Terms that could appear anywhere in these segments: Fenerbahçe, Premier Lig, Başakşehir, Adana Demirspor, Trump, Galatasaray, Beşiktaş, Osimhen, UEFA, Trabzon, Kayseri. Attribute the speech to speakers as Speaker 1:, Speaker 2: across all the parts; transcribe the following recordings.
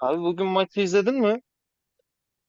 Speaker 1: Abi bugün maçı izledin mi?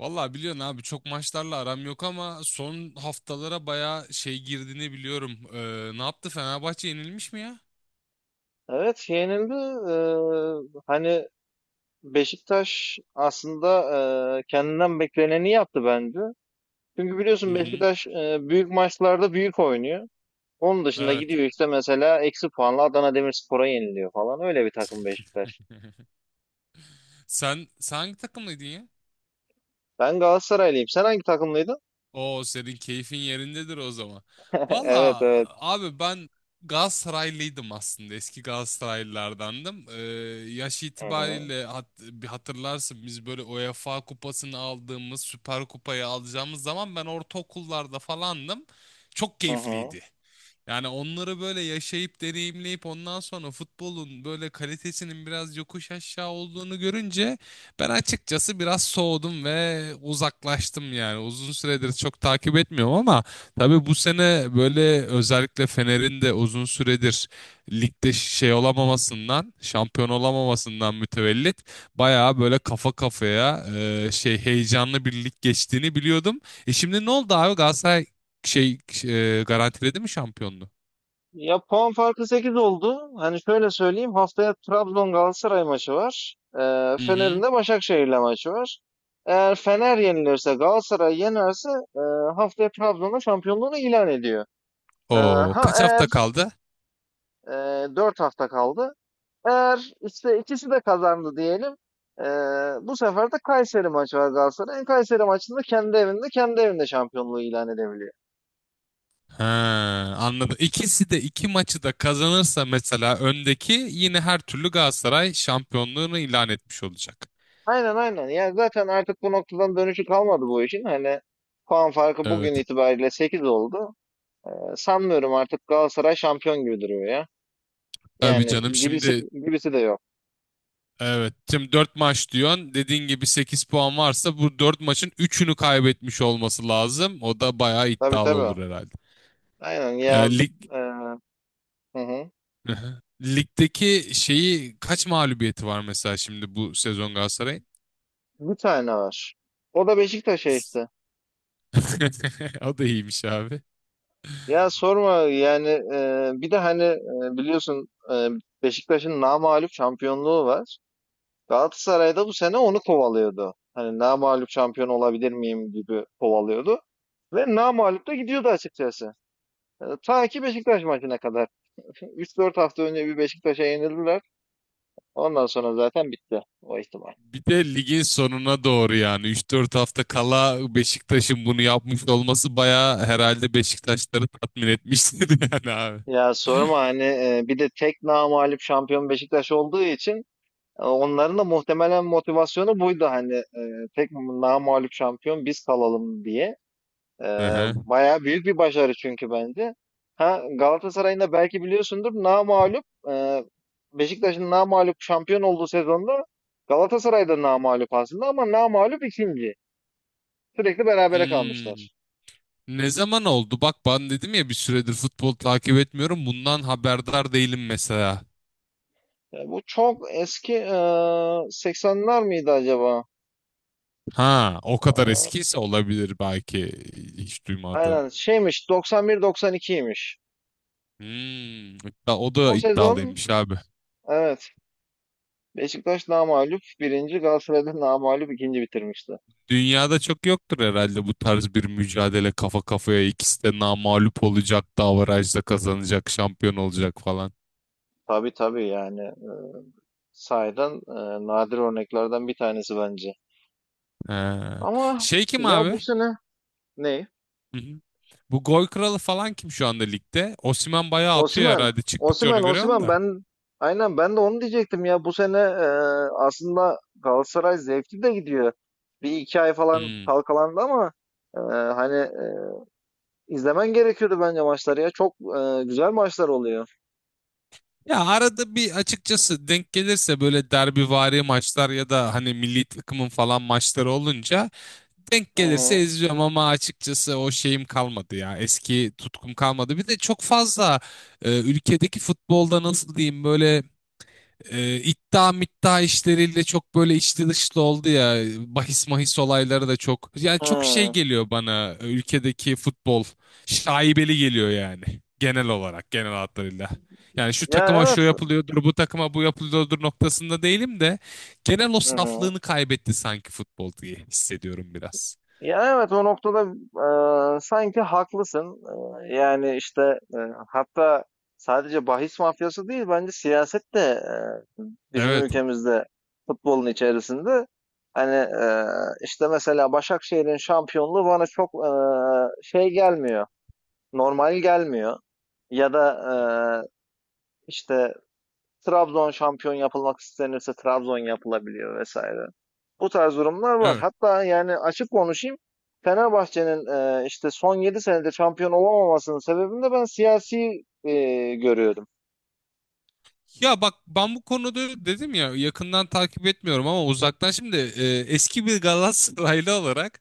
Speaker 2: Vallahi biliyorsun abi çok maçlarla aram yok ama son haftalara bayağı şey girdiğini biliyorum. Ne yaptı Fenerbahçe yenilmiş mi ya?
Speaker 1: Evet, şey, yenildi. Hani Beşiktaş aslında kendinden bekleneni yaptı bence. Çünkü
Speaker 2: Hı
Speaker 1: biliyorsun
Speaker 2: hı.
Speaker 1: Beşiktaş büyük maçlarda büyük oynuyor. Onun dışında
Speaker 2: Evet.
Speaker 1: gidiyor işte, mesela eksi puanla Adana Demirspor'a yeniliyor falan. Öyle bir takım Beşiktaş.
Speaker 2: Sen hangi takımlıydın ya?
Speaker 1: Ben Galatasaraylıyım. Sen hangi takımlıydın?
Speaker 2: Oo senin keyfin yerindedir o zaman.
Speaker 1: Evet,
Speaker 2: Vallahi
Speaker 1: evet.
Speaker 2: abi ben Galatasaraylıydım aslında. Eski Galatasaraylılardandım. Yaş
Speaker 1: Hı hı.
Speaker 2: itibariyle bir hatırlarsın biz böyle UEFA kupasını aldığımız, Süper Kupayı alacağımız zaman ben ortaokullarda falandım. Çok
Speaker 1: Hı hı.
Speaker 2: keyifliydi. Yani onları böyle yaşayıp deneyimleyip ondan sonra futbolun böyle kalitesinin biraz yokuş aşağı olduğunu görünce ben açıkçası biraz soğudum ve uzaklaştım yani. Uzun süredir çok takip etmiyorum ama tabii bu sene böyle özellikle Fener'in de uzun süredir ligde şey olamamasından, şampiyon olamamasından mütevellit bayağı böyle kafa kafaya şey heyecanlı bir lig geçtiğini biliyordum. E şimdi ne oldu abi Galatasaray şey garantiledi mi şampiyonluğu?
Speaker 1: Ya puan farkı 8 oldu. Hani şöyle söyleyeyim. Haftaya Trabzon Galatasaray maçı var.
Speaker 2: Hı
Speaker 1: Fener'in
Speaker 2: hı.
Speaker 1: de Başakşehir'le maçı var. Eğer Fener yenilirse, Galatasaray yenerse e, haftaya Trabzon'da şampiyonluğunu ilan ediyor. Ee,
Speaker 2: O
Speaker 1: ha
Speaker 2: kaç
Speaker 1: eğer
Speaker 2: hafta kaldı?
Speaker 1: e, 4 hafta kaldı. Eğer işte ikisi de kazandı diyelim, e, bu sefer de Kayseri maçı var Galatasaray'ın. Kayseri maçında kendi evinde, kendi evinde şampiyonluğu ilan edebiliyor.
Speaker 2: Ha, anladım. İkisi de iki maçı da kazanırsa mesela öndeki yine her türlü Galatasaray şampiyonluğunu ilan etmiş olacak.
Speaker 1: Aynen, aynen. Ya zaten artık bu noktadan dönüşü kalmadı bu işin. Hani puan farkı
Speaker 2: Evet.
Speaker 1: bugün itibariyle 8 oldu. Sanmıyorum artık, Galatasaray şampiyon gibi duruyor ya.
Speaker 2: Tabii
Speaker 1: Yani
Speaker 2: canım
Speaker 1: gibisi
Speaker 2: şimdi
Speaker 1: gibisi de yok.
Speaker 2: evet şimdi 4 maç diyorsun. Dediğin gibi 8 puan varsa bu 4 maçın üçünü kaybetmiş olması lazım. O da bayağı
Speaker 1: Tabii,
Speaker 2: iddialı
Speaker 1: tabii.
Speaker 2: olur herhalde.
Speaker 1: Aynen ya.
Speaker 2: Lig
Speaker 1: e, hı hı.
Speaker 2: Ligdeki şeyi kaç mağlubiyeti var mesela şimdi bu sezon Galatasaray'ın?
Speaker 1: Bir tane var. O da Beşiktaş'a işte.
Speaker 2: O da iyiymiş abi.
Speaker 1: Ya sorma yani, bir de hani biliyorsun, Beşiktaş'ın namağlup şampiyonluğu var. Galatasaray'da bu sene onu kovalıyordu. Hani namağlup şampiyon olabilir miyim gibi kovalıyordu. Ve namağlup da gidiyordu açıkçası. Ta ki Beşiktaş maçına kadar. 3-4 hafta önce bir Beşiktaş'a yenildiler. Ondan sonra zaten bitti o ihtimal.
Speaker 2: Bir de ligin sonuna doğru yani 3-4 hafta kala Beşiktaş'ın bunu yapmış olması bayağı herhalde Beşiktaşları tatmin etmiştir yani abi.
Speaker 1: Ya sorma hani, bir de tek namağlup şampiyon Beşiktaş olduğu için onların da muhtemelen motivasyonu buydu, hani tek namağlup şampiyon biz kalalım diye. Ee,
Speaker 2: Hı hı.
Speaker 1: Bayağı büyük bir başarı çünkü bence. Ha, Galatasaray'ın da belki biliyorsundur, namağlup, e, Beşiktaş'ın namağlup şampiyon olduğu sezonda Galatasaray'da da namağlup aslında, ama namağlup ikinci. Sürekli berabere
Speaker 2: Hmm.
Speaker 1: kalmışlar.
Speaker 2: Ne zaman oldu? Bak ben dedim ya bir süredir futbol takip etmiyorum. Bundan haberdar değilim mesela.
Speaker 1: Yani bu çok eski, 80'ler miydi acaba?
Speaker 2: Ha, o
Speaker 1: E,
Speaker 2: kadar eskiyse olabilir belki hiç duymadım.
Speaker 1: aynen, şeymiş, 91-92'ymiş.
Speaker 2: Hmm, o da
Speaker 1: O sezon,
Speaker 2: iddialıymış abi.
Speaker 1: evet, Beşiktaş namağlup birinci, Galatasaray'da namağlup ikinci bitirmişti.
Speaker 2: Dünyada çok yoktur herhalde bu tarz bir mücadele kafa kafaya ikisi de namağlup olacak, davarajda kazanacak, şampiyon olacak falan.
Speaker 1: Tabii, tabii yani, sahiden nadir örneklerden bir tanesi bence.
Speaker 2: He.
Speaker 1: Ama
Speaker 2: Şey kim
Speaker 1: ya,
Speaker 2: abi?
Speaker 1: bu sene ne?
Speaker 2: Hı hı. Bu gol kralı falan kim şu anda ligde? Osimhen bayağı atıyor
Speaker 1: Osimhen,
Speaker 2: herhalde çıktıkça
Speaker 1: Osimhen,
Speaker 2: onu görüyorum
Speaker 1: Osimhen,
Speaker 2: da.
Speaker 1: ben aynen ben de onu diyecektim ya. Bu sene aslında Galatasaray zevkli de gidiyor. Bir iki ay falan
Speaker 2: Hmm.
Speaker 1: kalkalandı ama e, hani, izlemen gerekiyordu bence maçları ya. Çok güzel maçlar oluyor.
Speaker 2: Ya arada bir açıkçası denk gelirse böyle derbivari maçlar ya da hani milli takımın falan maçları olunca denk
Speaker 1: Hı hı.
Speaker 2: gelirse izliyorum ama açıkçası o şeyim kalmadı ya. Eski tutkum kalmadı. Bir de çok fazla ülkedeki futbolda nasıl diyeyim böyle iddia middia işleriyle çok böyle içli dışlı oldu ya. Bahis mahis olayları da çok. Yani çok şey
Speaker 1: Hı.
Speaker 2: geliyor bana ülkedeki futbol. Şaibeli geliyor yani. Genel olarak genel hatlarıyla. Yani şu
Speaker 1: Ya
Speaker 2: takıma şu
Speaker 1: evet.
Speaker 2: yapılıyordur, bu takıma bu yapılıyordur noktasında değilim de genel o
Speaker 1: Hı hı.
Speaker 2: saflığını kaybetti sanki futbol diye hissediyorum biraz.
Speaker 1: Ya evet, o noktada sanki haklısın. Yani işte, e, hatta sadece bahis mafyası değil, bence siyaset de bizim
Speaker 2: Evet.
Speaker 1: ülkemizde futbolun içerisinde. Hani işte mesela Başakşehir'in şampiyonluğu bana çok şey gelmiyor, normal gelmiyor. Ya da,
Speaker 2: Hı hı.
Speaker 1: işte Trabzon şampiyon yapılmak istenirse Trabzon yapılabiliyor vesaire. Bu tarz durumlar var.
Speaker 2: Evet.
Speaker 1: Hatta yani, açık konuşayım. Fenerbahçe'nin, işte son 7 senede şampiyon olamamasının sebebini de ben siyasi görüyordum.
Speaker 2: Ya bak ben bu konuda dedim ya yakından takip etmiyorum ama uzaktan şimdi eski bir Galatasaraylı olarak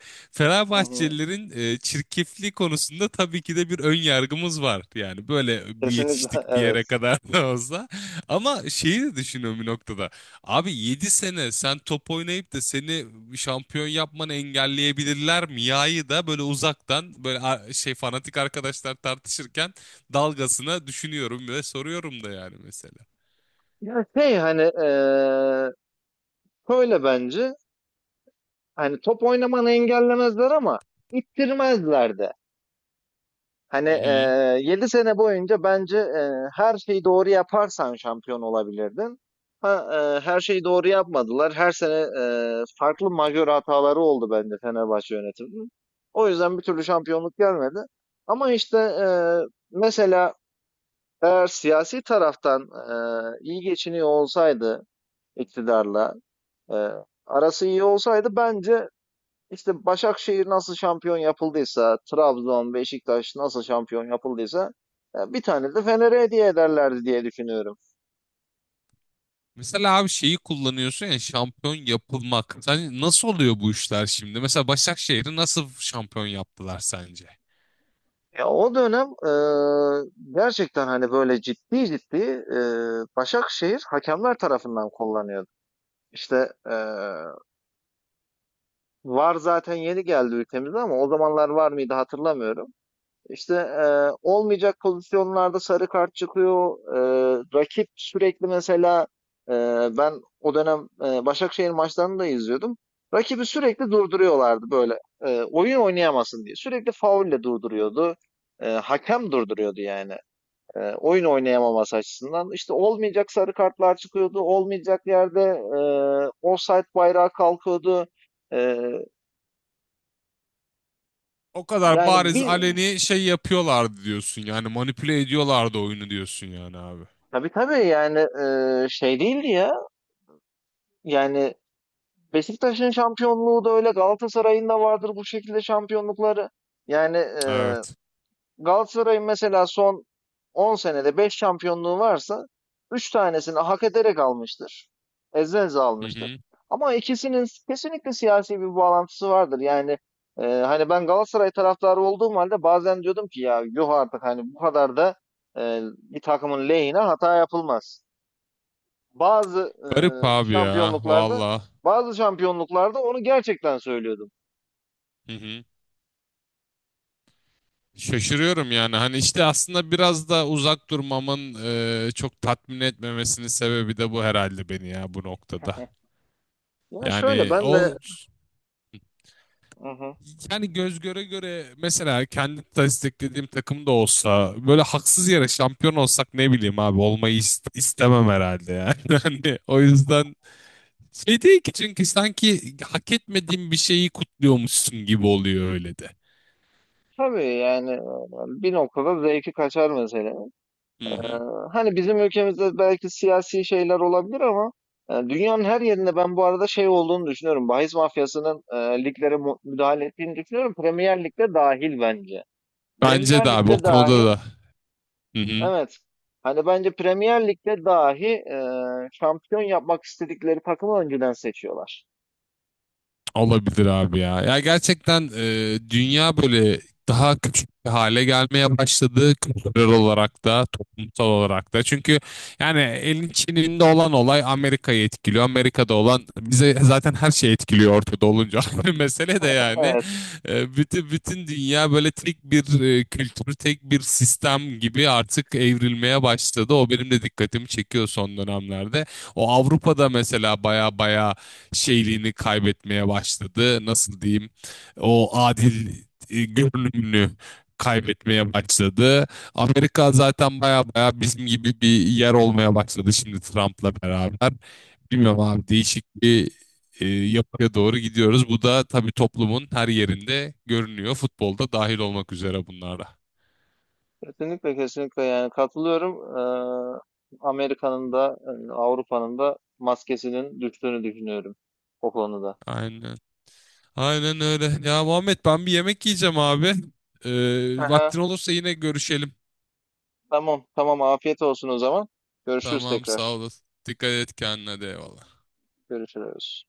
Speaker 1: Hı hı.
Speaker 2: Fenerbahçelilerin çirkefliği konusunda tabii ki de bir ön yargımız var. Yani böyle bir
Speaker 1: Kesinlikle
Speaker 2: yetiştik bir
Speaker 1: evet.
Speaker 2: yere kadar da olsa. Ama şeyi de düşünüyorum bir noktada. Abi 7 sene sen top oynayıp da seni şampiyon yapmanı engelleyebilirler mi? Ya'yı da böyle uzaktan böyle şey fanatik arkadaşlar tartışırken dalgasına düşünüyorum ve soruyorum da yani mesela.
Speaker 1: Yani şey, hani, şöyle bence, hani top oynamanı engellemezler ama ittirmezler de. Hani
Speaker 2: Hı hı.
Speaker 1: 7 sene boyunca bence her şeyi doğru yaparsan şampiyon olabilirdin. Ha, her şeyi doğru yapmadılar. Her sene farklı majör hataları oldu bence Fenerbahçe yönetiminin. O yüzden bir türlü şampiyonluk gelmedi. Ama işte, mesela eğer siyasi taraftan iyi geçiniyor olsaydı iktidarla, eee, arası iyi olsaydı bence işte Başakşehir nasıl şampiyon yapıldıysa, Trabzon, Beşiktaş nasıl şampiyon yapıldıysa bir tane de Fener'e hediye ederlerdi diye düşünüyorum.
Speaker 2: Mesela abi şeyi kullanıyorsun ya şampiyon yapılmak. Sen nasıl oluyor bu işler şimdi? Mesela Başakşehir'i nasıl şampiyon yaptılar sence?
Speaker 1: Ya o dönem gerçekten hani böyle ciddi ciddi e, Başakşehir hakemler tarafından kullanıyordu. İşte VAR zaten yeni geldi ülkemize, ama o zamanlar var mıydı hatırlamıyorum. İşte olmayacak pozisyonlarda sarı kart çıkıyor. Rakip sürekli, mesela e, ben o dönem Başakşehir maçlarını da izliyordum. Rakibi sürekli durduruyorlardı böyle. E, oyun oynayamasın diye. Sürekli faulle durduruyordu. Hakem durduruyordu yani, oyun oynayamaması açısından. İşte olmayacak sarı kartlar çıkıyordu. Olmayacak yerde offside bayrağı kalkıyordu. E,
Speaker 2: O kadar
Speaker 1: yani
Speaker 2: bariz
Speaker 1: bir,
Speaker 2: aleni şey yapıyorlardı diyorsun yani manipüle ediyorlardı oyunu diyorsun yani abi.
Speaker 1: tabii, tabii yani, şey değildi ya. Yani Beşiktaş'ın şampiyonluğu da öyle, Galatasaray'ın da vardır bu şekilde şampiyonlukları. Yani
Speaker 2: Evet.
Speaker 1: Galatasaray'ın mesela son 10 senede 5 şampiyonluğu varsa, 3 tanesini hak ederek almıştır. Eze eze
Speaker 2: Hı
Speaker 1: almıştır.
Speaker 2: hı.
Speaker 1: Ama ikisinin kesinlikle siyasi bir bağlantısı vardır. Yani hani ben Galatasaray taraftarı olduğum halde bazen diyordum ki, ya yuh artık, hani bu kadar da bir takımın lehine hata yapılmaz bazı
Speaker 2: Garip abi ya
Speaker 1: şampiyonluklarda,
Speaker 2: valla.
Speaker 1: bazı şampiyonluklarda onu gerçekten söylüyordum.
Speaker 2: Hı hı. Şaşırıyorum yani hani işte aslında biraz da uzak durmamın çok tatmin etmemesinin sebebi de bu herhalde beni ya bu noktada.
Speaker 1: Yani şöyle
Speaker 2: Yani
Speaker 1: ben
Speaker 2: o
Speaker 1: de, hı hı,
Speaker 2: yani göz göre göre mesela kendi desteklediğim takım da olsa böyle haksız yere şampiyon olsak ne bileyim abi olmayı istemem herhalde yani. Hani o yüzden şey değil ki çünkü sanki hak etmediğim bir şeyi kutluyormuşsun gibi oluyor öyle de.
Speaker 1: tabii yani, bir noktada zevki kaçar mesela. E,
Speaker 2: Hı hı.
Speaker 1: Hani bizim ülkemizde belki siyasi şeyler olabilir, ama dünyanın her yerinde ben bu arada şey olduğunu düşünüyorum. Bahis mafyasının liglere mu- müdahale ettiğini düşünüyorum. Premier Lig'de dahil bence.
Speaker 2: Bence de
Speaker 1: Premier
Speaker 2: abi o
Speaker 1: Lig'de
Speaker 2: konuda
Speaker 1: dahi.
Speaker 2: da. Hı hı.
Speaker 1: Evet. Hani bence Premier Lig'de dahi şampiyon yapmak istedikleri takımı önceden seçiyorlar.
Speaker 2: Olabilir abi ya. Ya gerçekten dünya böyle daha küçük bir hale gelmeye başladı kültürel olarak da toplumsal olarak da. Çünkü yani elin Çin'inde olan olay Amerika'yı etkiliyor. Amerika'da olan bize zaten her şey etkiliyor ortada olunca. Mesele de yani
Speaker 1: Evet.
Speaker 2: bütün bütün dünya böyle tek bir kültür, tek bir sistem gibi artık evrilmeye başladı. O benim de dikkatimi çekiyor son dönemlerde. O Avrupa'da mesela baya baya şeyliğini kaybetmeye başladı. Nasıl diyeyim? O adil görünümünü kaybetmeye başladı. Amerika zaten baya baya bizim gibi bir yer olmaya başladı şimdi Trump'la beraber. Bilmiyorum abi değişik bir yapıya doğru gidiyoruz. Bu da tabii toplumun her yerinde görünüyor. Futbolda dahil olmak üzere bunlarda.
Speaker 1: Kesinlikle, kesinlikle yani, katılıyorum. Amerika'nın da, Avrupa'nın da maskesinin düştüğünü düşünüyorum o konuda.
Speaker 2: Aynen. Aynen öyle. Ya Muhammed ben bir yemek yiyeceğim abi. Ee,
Speaker 1: Aha,
Speaker 2: Vaktin olursa yine görüşelim.
Speaker 1: tamam, tamam, afiyet olsun o zaman. Görüşürüz
Speaker 2: Tamam sağ
Speaker 1: tekrar.
Speaker 2: olasın. Dikkat et kendine de eyvallah.
Speaker 1: Görüşürüz.